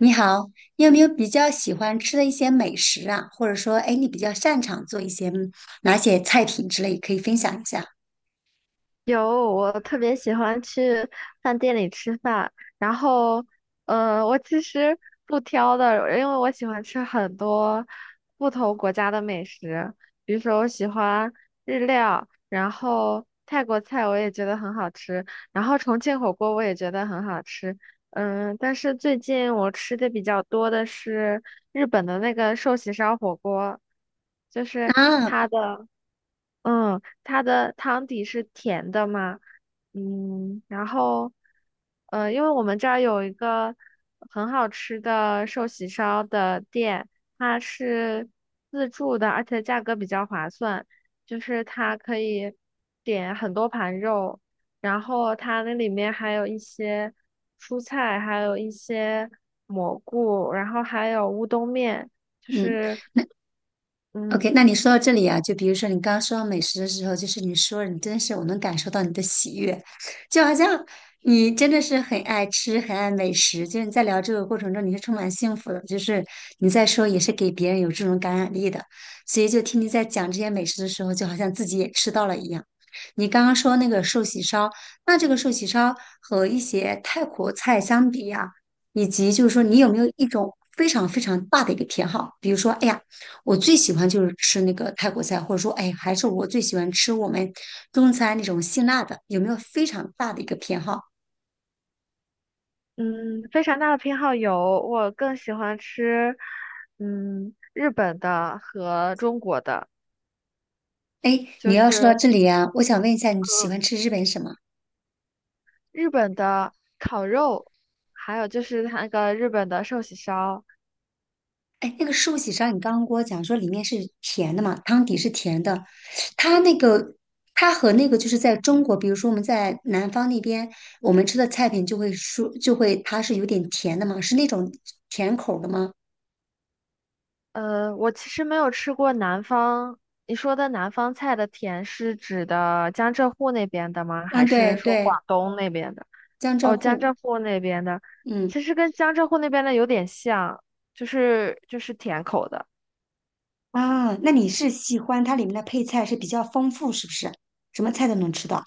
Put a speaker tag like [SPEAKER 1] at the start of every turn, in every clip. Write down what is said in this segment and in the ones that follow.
[SPEAKER 1] 你好，你有没有比较喜欢吃的一些美食啊？或者说，哎，你比较擅长做一些哪些菜品之类，可以分享一下
[SPEAKER 2] 有，我特别喜欢去饭店里吃饭。然后，我其实不挑的，因为我喜欢吃很多不同国家的美食。比如说我喜欢日料，然后泰国菜我也觉得很好吃，然后重庆火锅我也觉得很好吃。但是最近我吃的比较多的是日本的那个寿喜烧火锅，就是
[SPEAKER 1] 啊？
[SPEAKER 2] 它的。它的汤底是甜的嘛。然后，因为我们这儿有一个很好吃的寿喜烧的店，它是自助的，而且价格比较划算，就是它可以点很多盘肉，然后它那里面还有一些蔬菜，还有一些蘑菇，然后还有乌冬面，就
[SPEAKER 1] 嗯。
[SPEAKER 2] 是。
[SPEAKER 1] OK，
[SPEAKER 2] 嗯，
[SPEAKER 1] 那你说到这里啊，就比如说你刚刚说到美食的时候，就是你说你真是我能感受到你的喜悦，就好像你真的是很爱吃、很爱美食，就是你在聊这个过程中你是充满幸福的，就是你在说也是给别人有这种感染力的，所以就听你在讲这些美食的时候，就好像自己也吃到了一样。你刚刚说那个寿喜烧，那这个寿喜烧和一些泰国菜相比呀、以及就是说，你有没有一种非常非常大的一个偏好？比如说，哎呀，我最喜欢就是吃那个泰国菜，或者说，哎，还是我最喜欢吃我们中餐那种辛辣的，有没有非常大的一个偏好？
[SPEAKER 2] 嗯，非常大的偏好有，我更喜欢吃，日本的和中国的。
[SPEAKER 1] 哎，你
[SPEAKER 2] 就
[SPEAKER 1] 要说到
[SPEAKER 2] 是
[SPEAKER 1] 这里啊，我想问一下，你喜欢吃日本什么？
[SPEAKER 2] 日本的烤肉，还有就是它那个日本的寿喜烧。
[SPEAKER 1] 哎，那个寿喜烧，你刚刚跟我讲说里面是甜的嘛，汤底是甜的，它那个它和那个就是在中国，比如说我们在南方那边，我们吃的菜品就会说就会它是有点甜的嘛，是那种甜口的吗？
[SPEAKER 2] 我其实没有吃过南方，你说的南方菜的甜是指的江浙沪那边的吗？还
[SPEAKER 1] 嗯，对
[SPEAKER 2] 是说
[SPEAKER 1] 对，
[SPEAKER 2] 广东那边的？
[SPEAKER 1] 江浙
[SPEAKER 2] 哦，江
[SPEAKER 1] 沪，
[SPEAKER 2] 浙沪那边的，
[SPEAKER 1] 嗯。
[SPEAKER 2] 其实跟江浙沪那边的有点像，就是甜口的。
[SPEAKER 1] 啊，那你是喜欢它里面的配菜是比较丰富，是不是？什么菜都能吃到。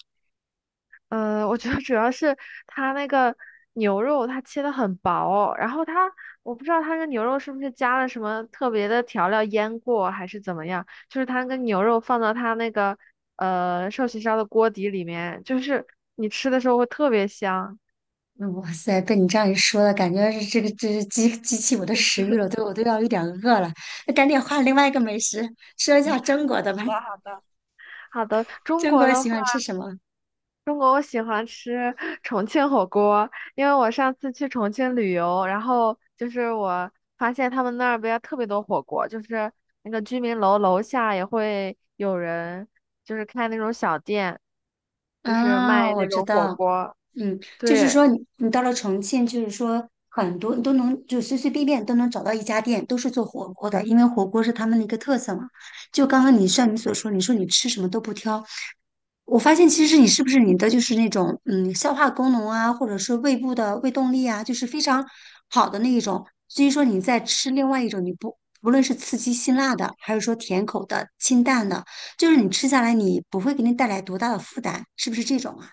[SPEAKER 2] 我觉得主要是它那个牛肉它切的很薄，然后它我不知道它那个牛肉是不是加了什么特别的调料腌过还是怎么样，就是它那个牛肉放到它那个寿喜烧的锅底里面，就是你吃的时候会特别香。
[SPEAKER 1] 嗯哇塞，被你这样一说了，感觉是这个这是激起我的食欲了，对我都要有点饿了。那赶紧换另外一个美食，说一下中国的吧。
[SPEAKER 2] 好的，好的，好的，中
[SPEAKER 1] 中
[SPEAKER 2] 国
[SPEAKER 1] 国
[SPEAKER 2] 的
[SPEAKER 1] 喜
[SPEAKER 2] 话。
[SPEAKER 1] 欢吃什么？
[SPEAKER 2] 中国我喜欢吃 重庆火锅，因为我上次去重庆旅游，然后就是我发现他们那儿边特别多火锅，就是那个居民楼楼下也会有人就是开那种小店，就是卖
[SPEAKER 1] 啊，我
[SPEAKER 2] 那
[SPEAKER 1] 知
[SPEAKER 2] 种火
[SPEAKER 1] 道，
[SPEAKER 2] 锅。
[SPEAKER 1] 嗯，就是
[SPEAKER 2] 对，
[SPEAKER 1] 说你到了重庆，就是说很多你都能就随随便便都能找到一家店，都是做火锅的，因为火锅是他们的一个特色嘛。就刚刚你像你所说，你说你吃什么都不挑，我发现其实你是不是你的就是那种消化功能啊，或者是胃部的胃动力啊，就是非常好的那一种。所以说你在吃另外一种，你不无论是刺激辛辣的，还是说甜口的、清淡的，就是你吃下来你不会给你带来多大的负担，是不是这种啊？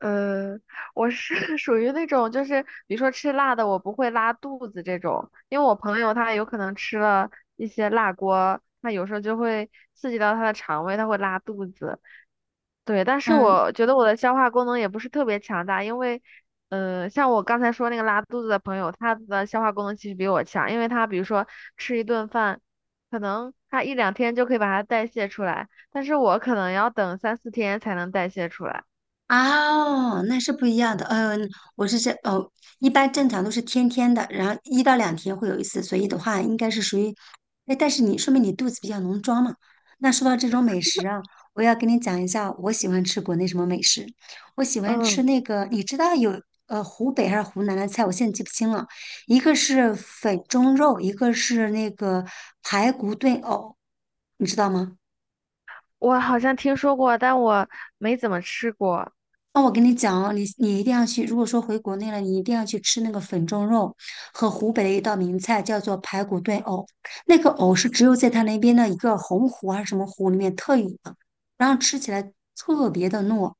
[SPEAKER 2] 呃，我是 属于那种，就是比如说吃辣的，我不会拉肚子这种，因为我朋友他有可能吃了一些辣锅，他有时候就会刺激到他的肠胃，他会拉肚子。对，但是
[SPEAKER 1] 嗯，
[SPEAKER 2] 我觉得我的消化功能也不是特别强大，因为，像我刚才说那个拉肚子的朋友，他的消化功能其实比我强，因为他比如说吃一顿饭，可能他一两天就可以把它代谢出来，但是我可能要等三四天才能代谢出来。
[SPEAKER 1] 哦，那是不一样的。嗯，我是这哦，一般正常都是天天的，然后一到两天会有一次，所以的话应该是属于，哎，但是你说明你肚子比较能装嘛。那说到这种美食啊，我要跟你讲一下，我喜欢吃国内什么美食。我喜欢吃
[SPEAKER 2] 嗯，
[SPEAKER 1] 那个，你知道有湖北还是湖南的菜，我现在记不清了，一个是粉蒸肉，一个是那个排骨炖藕，你知道吗？
[SPEAKER 2] 我好像听说过，但我没怎么吃过。
[SPEAKER 1] 那我跟你讲哦，你一定要去。如果说回国内了，你一定要去吃那个粉蒸肉和湖北的一道名菜，叫做排骨炖藕。那个藕是只有在他那边的一个洪湖还是什么湖里面特有的，然后吃起来特别的糯。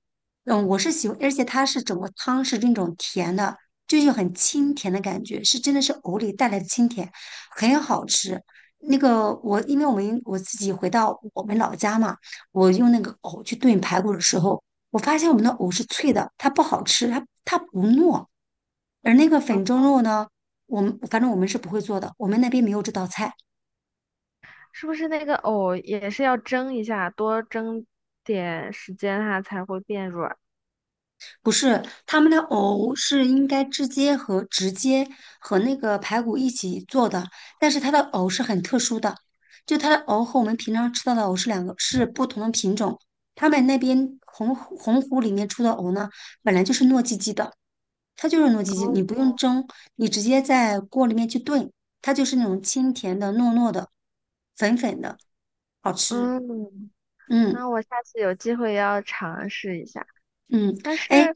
[SPEAKER 1] 嗯，我是喜欢，而且它是整个汤是那种甜的，就是有很清甜的感觉，是真的是藕里带来的清甜，很好吃。那个我，因为我们我自己回到我们老家嘛，我用那个藕去炖排骨的时候。我发现我们的藕是脆的，它不好吃，它不糯。而那个
[SPEAKER 2] 嗯，
[SPEAKER 1] 粉蒸肉呢，我们反正我们是不会做的，我们那边没有这道菜。
[SPEAKER 2] 是不是那个藕也是要蒸一下，多蒸点时间它才会变软？
[SPEAKER 1] 不是，他们的藕是应该直接和那个排骨一起做的，但是它的藕是很特殊的，就它的藕和我们平常吃到的藕是两个是不同的品种。他们那边洪湖里面出的藕呢，本来就是糯叽叽的，它就是糯叽叽，
[SPEAKER 2] 哦
[SPEAKER 1] 你不用蒸，你直接在锅里面去炖，它就是那种清甜的、糯糯的、粉粉的，好吃。
[SPEAKER 2] 嗯，
[SPEAKER 1] 嗯
[SPEAKER 2] 那我下次有机会要尝试一下。
[SPEAKER 1] 嗯，
[SPEAKER 2] 但
[SPEAKER 1] 哎
[SPEAKER 2] 是，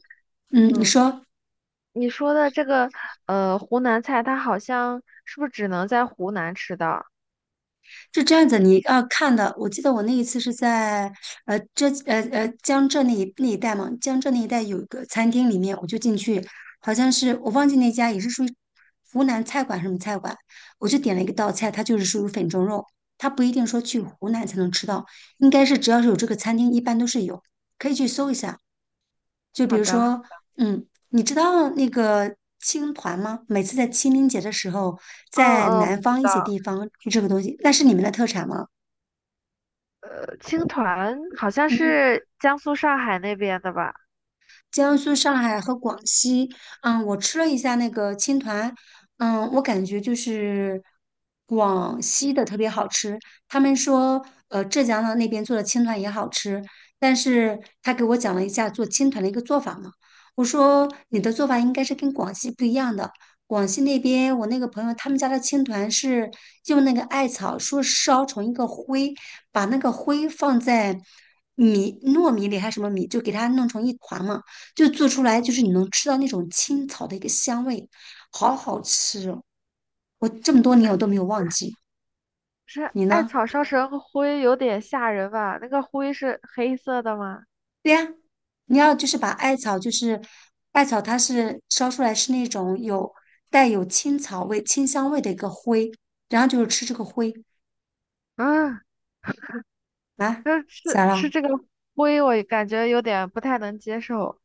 [SPEAKER 1] 嗯，你
[SPEAKER 2] 嗯，
[SPEAKER 1] 说
[SPEAKER 2] 你说的这个湖南菜，它好像是不是只能在湖南吃到？
[SPEAKER 1] 是这样子，你要看的。我记得我那一次是在呃浙呃呃江浙那一带嘛，江浙那一带有一个餐厅里面，我就进去，好像是我忘记那家也是属于湖南菜馆什么菜馆，我就点了一个道菜，它就是属于粉蒸肉，它不一定说去湖南才能吃到，应该是只要是有这个餐厅，一般都是有，可以去搜一下。就比
[SPEAKER 2] 好
[SPEAKER 1] 如
[SPEAKER 2] 的，
[SPEAKER 1] 说，嗯，你知道那个青团吗？每次在清明节的时候，
[SPEAKER 2] 嗯
[SPEAKER 1] 在
[SPEAKER 2] 嗯，我
[SPEAKER 1] 南
[SPEAKER 2] 知
[SPEAKER 1] 方一些
[SPEAKER 2] 道，
[SPEAKER 1] 地方就这个东西，那是你们的特产吗？
[SPEAKER 2] 青团好像
[SPEAKER 1] 嗯，
[SPEAKER 2] 是江苏上海那边的吧？
[SPEAKER 1] 江苏、上海和广西。嗯，我吃了一下那个青团，嗯，我感觉就是广西的特别好吃。他们说，呃，浙江的那边做的青团也好吃，但是他给我讲了一下做青团的一个做法嘛。我说你的做法应该是跟广西不一样的。广西那边，我那个朋友他们家的青团是用那个艾草说烧成一个灰，把那个灰放在米糯米里还是什么米，就给它弄成一团嘛。就做出来就是你能吃到那种青草的一个香味，好好吃哦！我这么多年我都没有忘记。
[SPEAKER 2] 是
[SPEAKER 1] 你
[SPEAKER 2] 艾
[SPEAKER 1] 呢？
[SPEAKER 2] 草烧成灰有点吓人吧？那个灰是黑色的吗？
[SPEAKER 1] 对呀，你要就是把艾草，就是艾草，它是烧出来是那种有带有青草味、清香味的一个灰，然后就是吃这个灰
[SPEAKER 2] 啊，
[SPEAKER 1] 啊，
[SPEAKER 2] 那
[SPEAKER 1] 咋
[SPEAKER 2] 是吃
[SPEAKER 1] 啦？
[SPEAKER 2] 这个灰，我感觉有点不太能接受。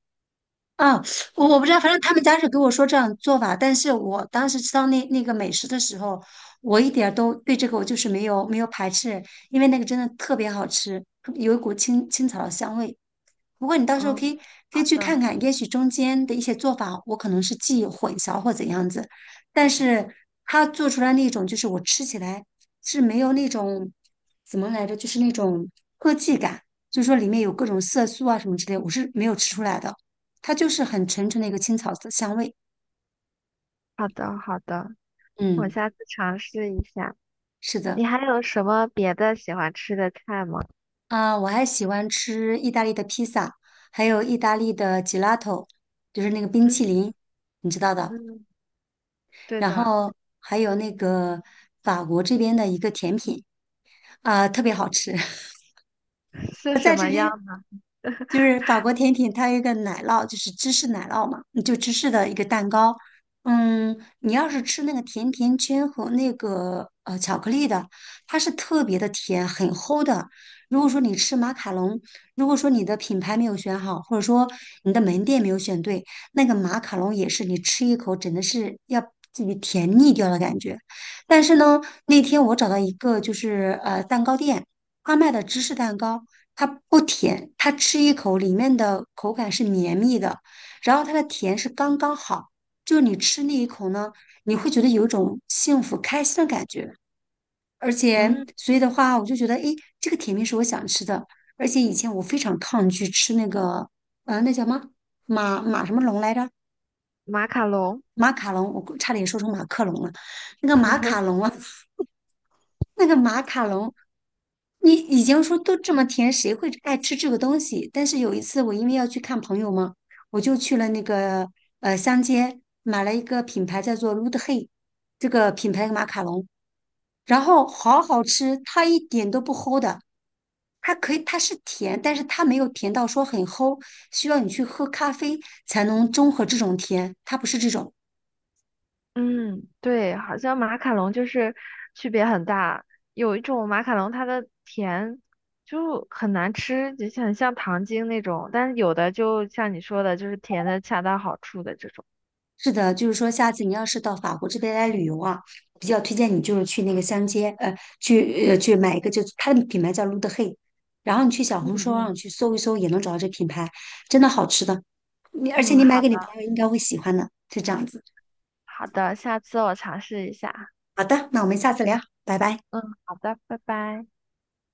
[SPEAKER 1] 啊，我我不知道，反正他们家是给我说这样做法，但是我当时吃到那个美食的时候，我一点儿都对这个我就是没有排斥，因为那个真的特别好吃，有一股青青草的香味。不过你到时候
[SPEAKER 2] 嗯，
[SPEAKER 1] 可以
[SPEAKER 2] 好
[SPEAKER 1] 去看
[SPEAKER 2] 的，
[SPEAKER 1] 看，也许中间的一些做法我可能是记忆混淆或怎样子，但是他做出来那种就是我吃起来是没有那种怎么来着，就是那种科技感，就是说里面有各种色素啊什么之类，我是没有吃出来的。它就是很纯纯的一个青草的香味。
[SPEAKER 2] 好的，好的，我
[SPEAKER 1] 嗯，
[SPEAKER 2] 下次尝试一下。
[SPEAKER 1] 是的，
[SPEAKER 2] 你还有什么别的喜欢吃的菜吗？
[SPEAKER 1] 啊，我还喜欢吃意大利的披萨，还有意大利的 gelato，就是那个冰淇
[SPEAKER 2] 嗯
[SPEAKER 1] 淋，你知道的。
[SPEAKER 2] 嗯，对
[SPEAKER 1] 然
[SPEAKER 2] 的，
[SPEAKER 1] 后还有那个法国这边的一个甜品，啊，特别好吃。
[SPEAKER 2] 是
[SPEAKER 1] 我
[SPEAKER 2] 什
[SPEAKER 1] 在这
[SPEAKER 2] 么样？
[SPEAKER 1] 边，就是法国甜品，它有一个奶酪，就是芝士奶酪嘛，就芝士的一个蛋糕。嗯，你要是吃那个甜甜圈和那个巧克力的，它是特别的甜，很齁的。如果说你吃马卡龙，如果说你的品牌没有选好，或者说你的门店没有选对，那个马卡龙也是你吃一口真的是要自己甜腻掉的感觉。但是呢，那天我找到一个就是蛋糕店。他卖的芝士蛋糕，它不甜，它吃一口里面的口感是绵密的，然后它的甜是刚刚好，就是你吃那一口呢，你会觉得有一种幸福开心的感觉。而且，
[SPEAKER 2] 嗯，
[SPEAKER 1] 所以的话，我就觉得，诶，这个甜品是我想吃的。而且以前我非常抗拒吃那个，那叫什么什么龙来着？
[SPEAKER 2] 马卡龙。
[SPEAKER 1] 马卡龙，我差点说成马克龙了。那个马卡龙啊，那个马卡龙，你已经说都这么甜，谁会爱吃这个东西？但是有一次，我因为要去看朋友嘛，我就去了那个乡间买了一个品牌叫做 l u d e Hey 这个品牌的马卡龙，然后好好吃，它一点都不齁的。它可以，它是甜，但是它没有甜到说很齁，需要你去喝咖啡才能中和这种甜，它不是这种。
[SPEAKER 2] 嗯，对，好像马卡龙就是区别很大。有一种马卡龙，它的甜就很难吃，就像很像糖精那种；但是有的就像你说的，就是甜的恰到好处的这种。
[SPEAKER 1] 是的，就是说，下次你要是到法国这边来旅游啊，比较推荐你就是去那个香街，去去买一个，就是它的品牌叫 l u d h e 然后你去小
[SPEAKER 2] 嗯
[SPEAKER 1] 红书上
[SPEAKER 2] 嗯
[SPEAKER 1] 去搜一搜，也能找到这品牌，真的好吃的。你而且
[SPEAKER 2] 嗯，
[SPEAKER 1] 你买
[SPEAKER 2] 好
[SPEAKER 1] 给你朋
[SPEAKER 2] 的，
[SPEAKER 1] 友应该会喜欢的，就这样子。
[SPEAKER 2] 好的，下次我尝试一下。
[SPEAKER 1] 好的，那我们下次聊，拜拜。
[SPEAKER 2] 嗯，好的，拜拜。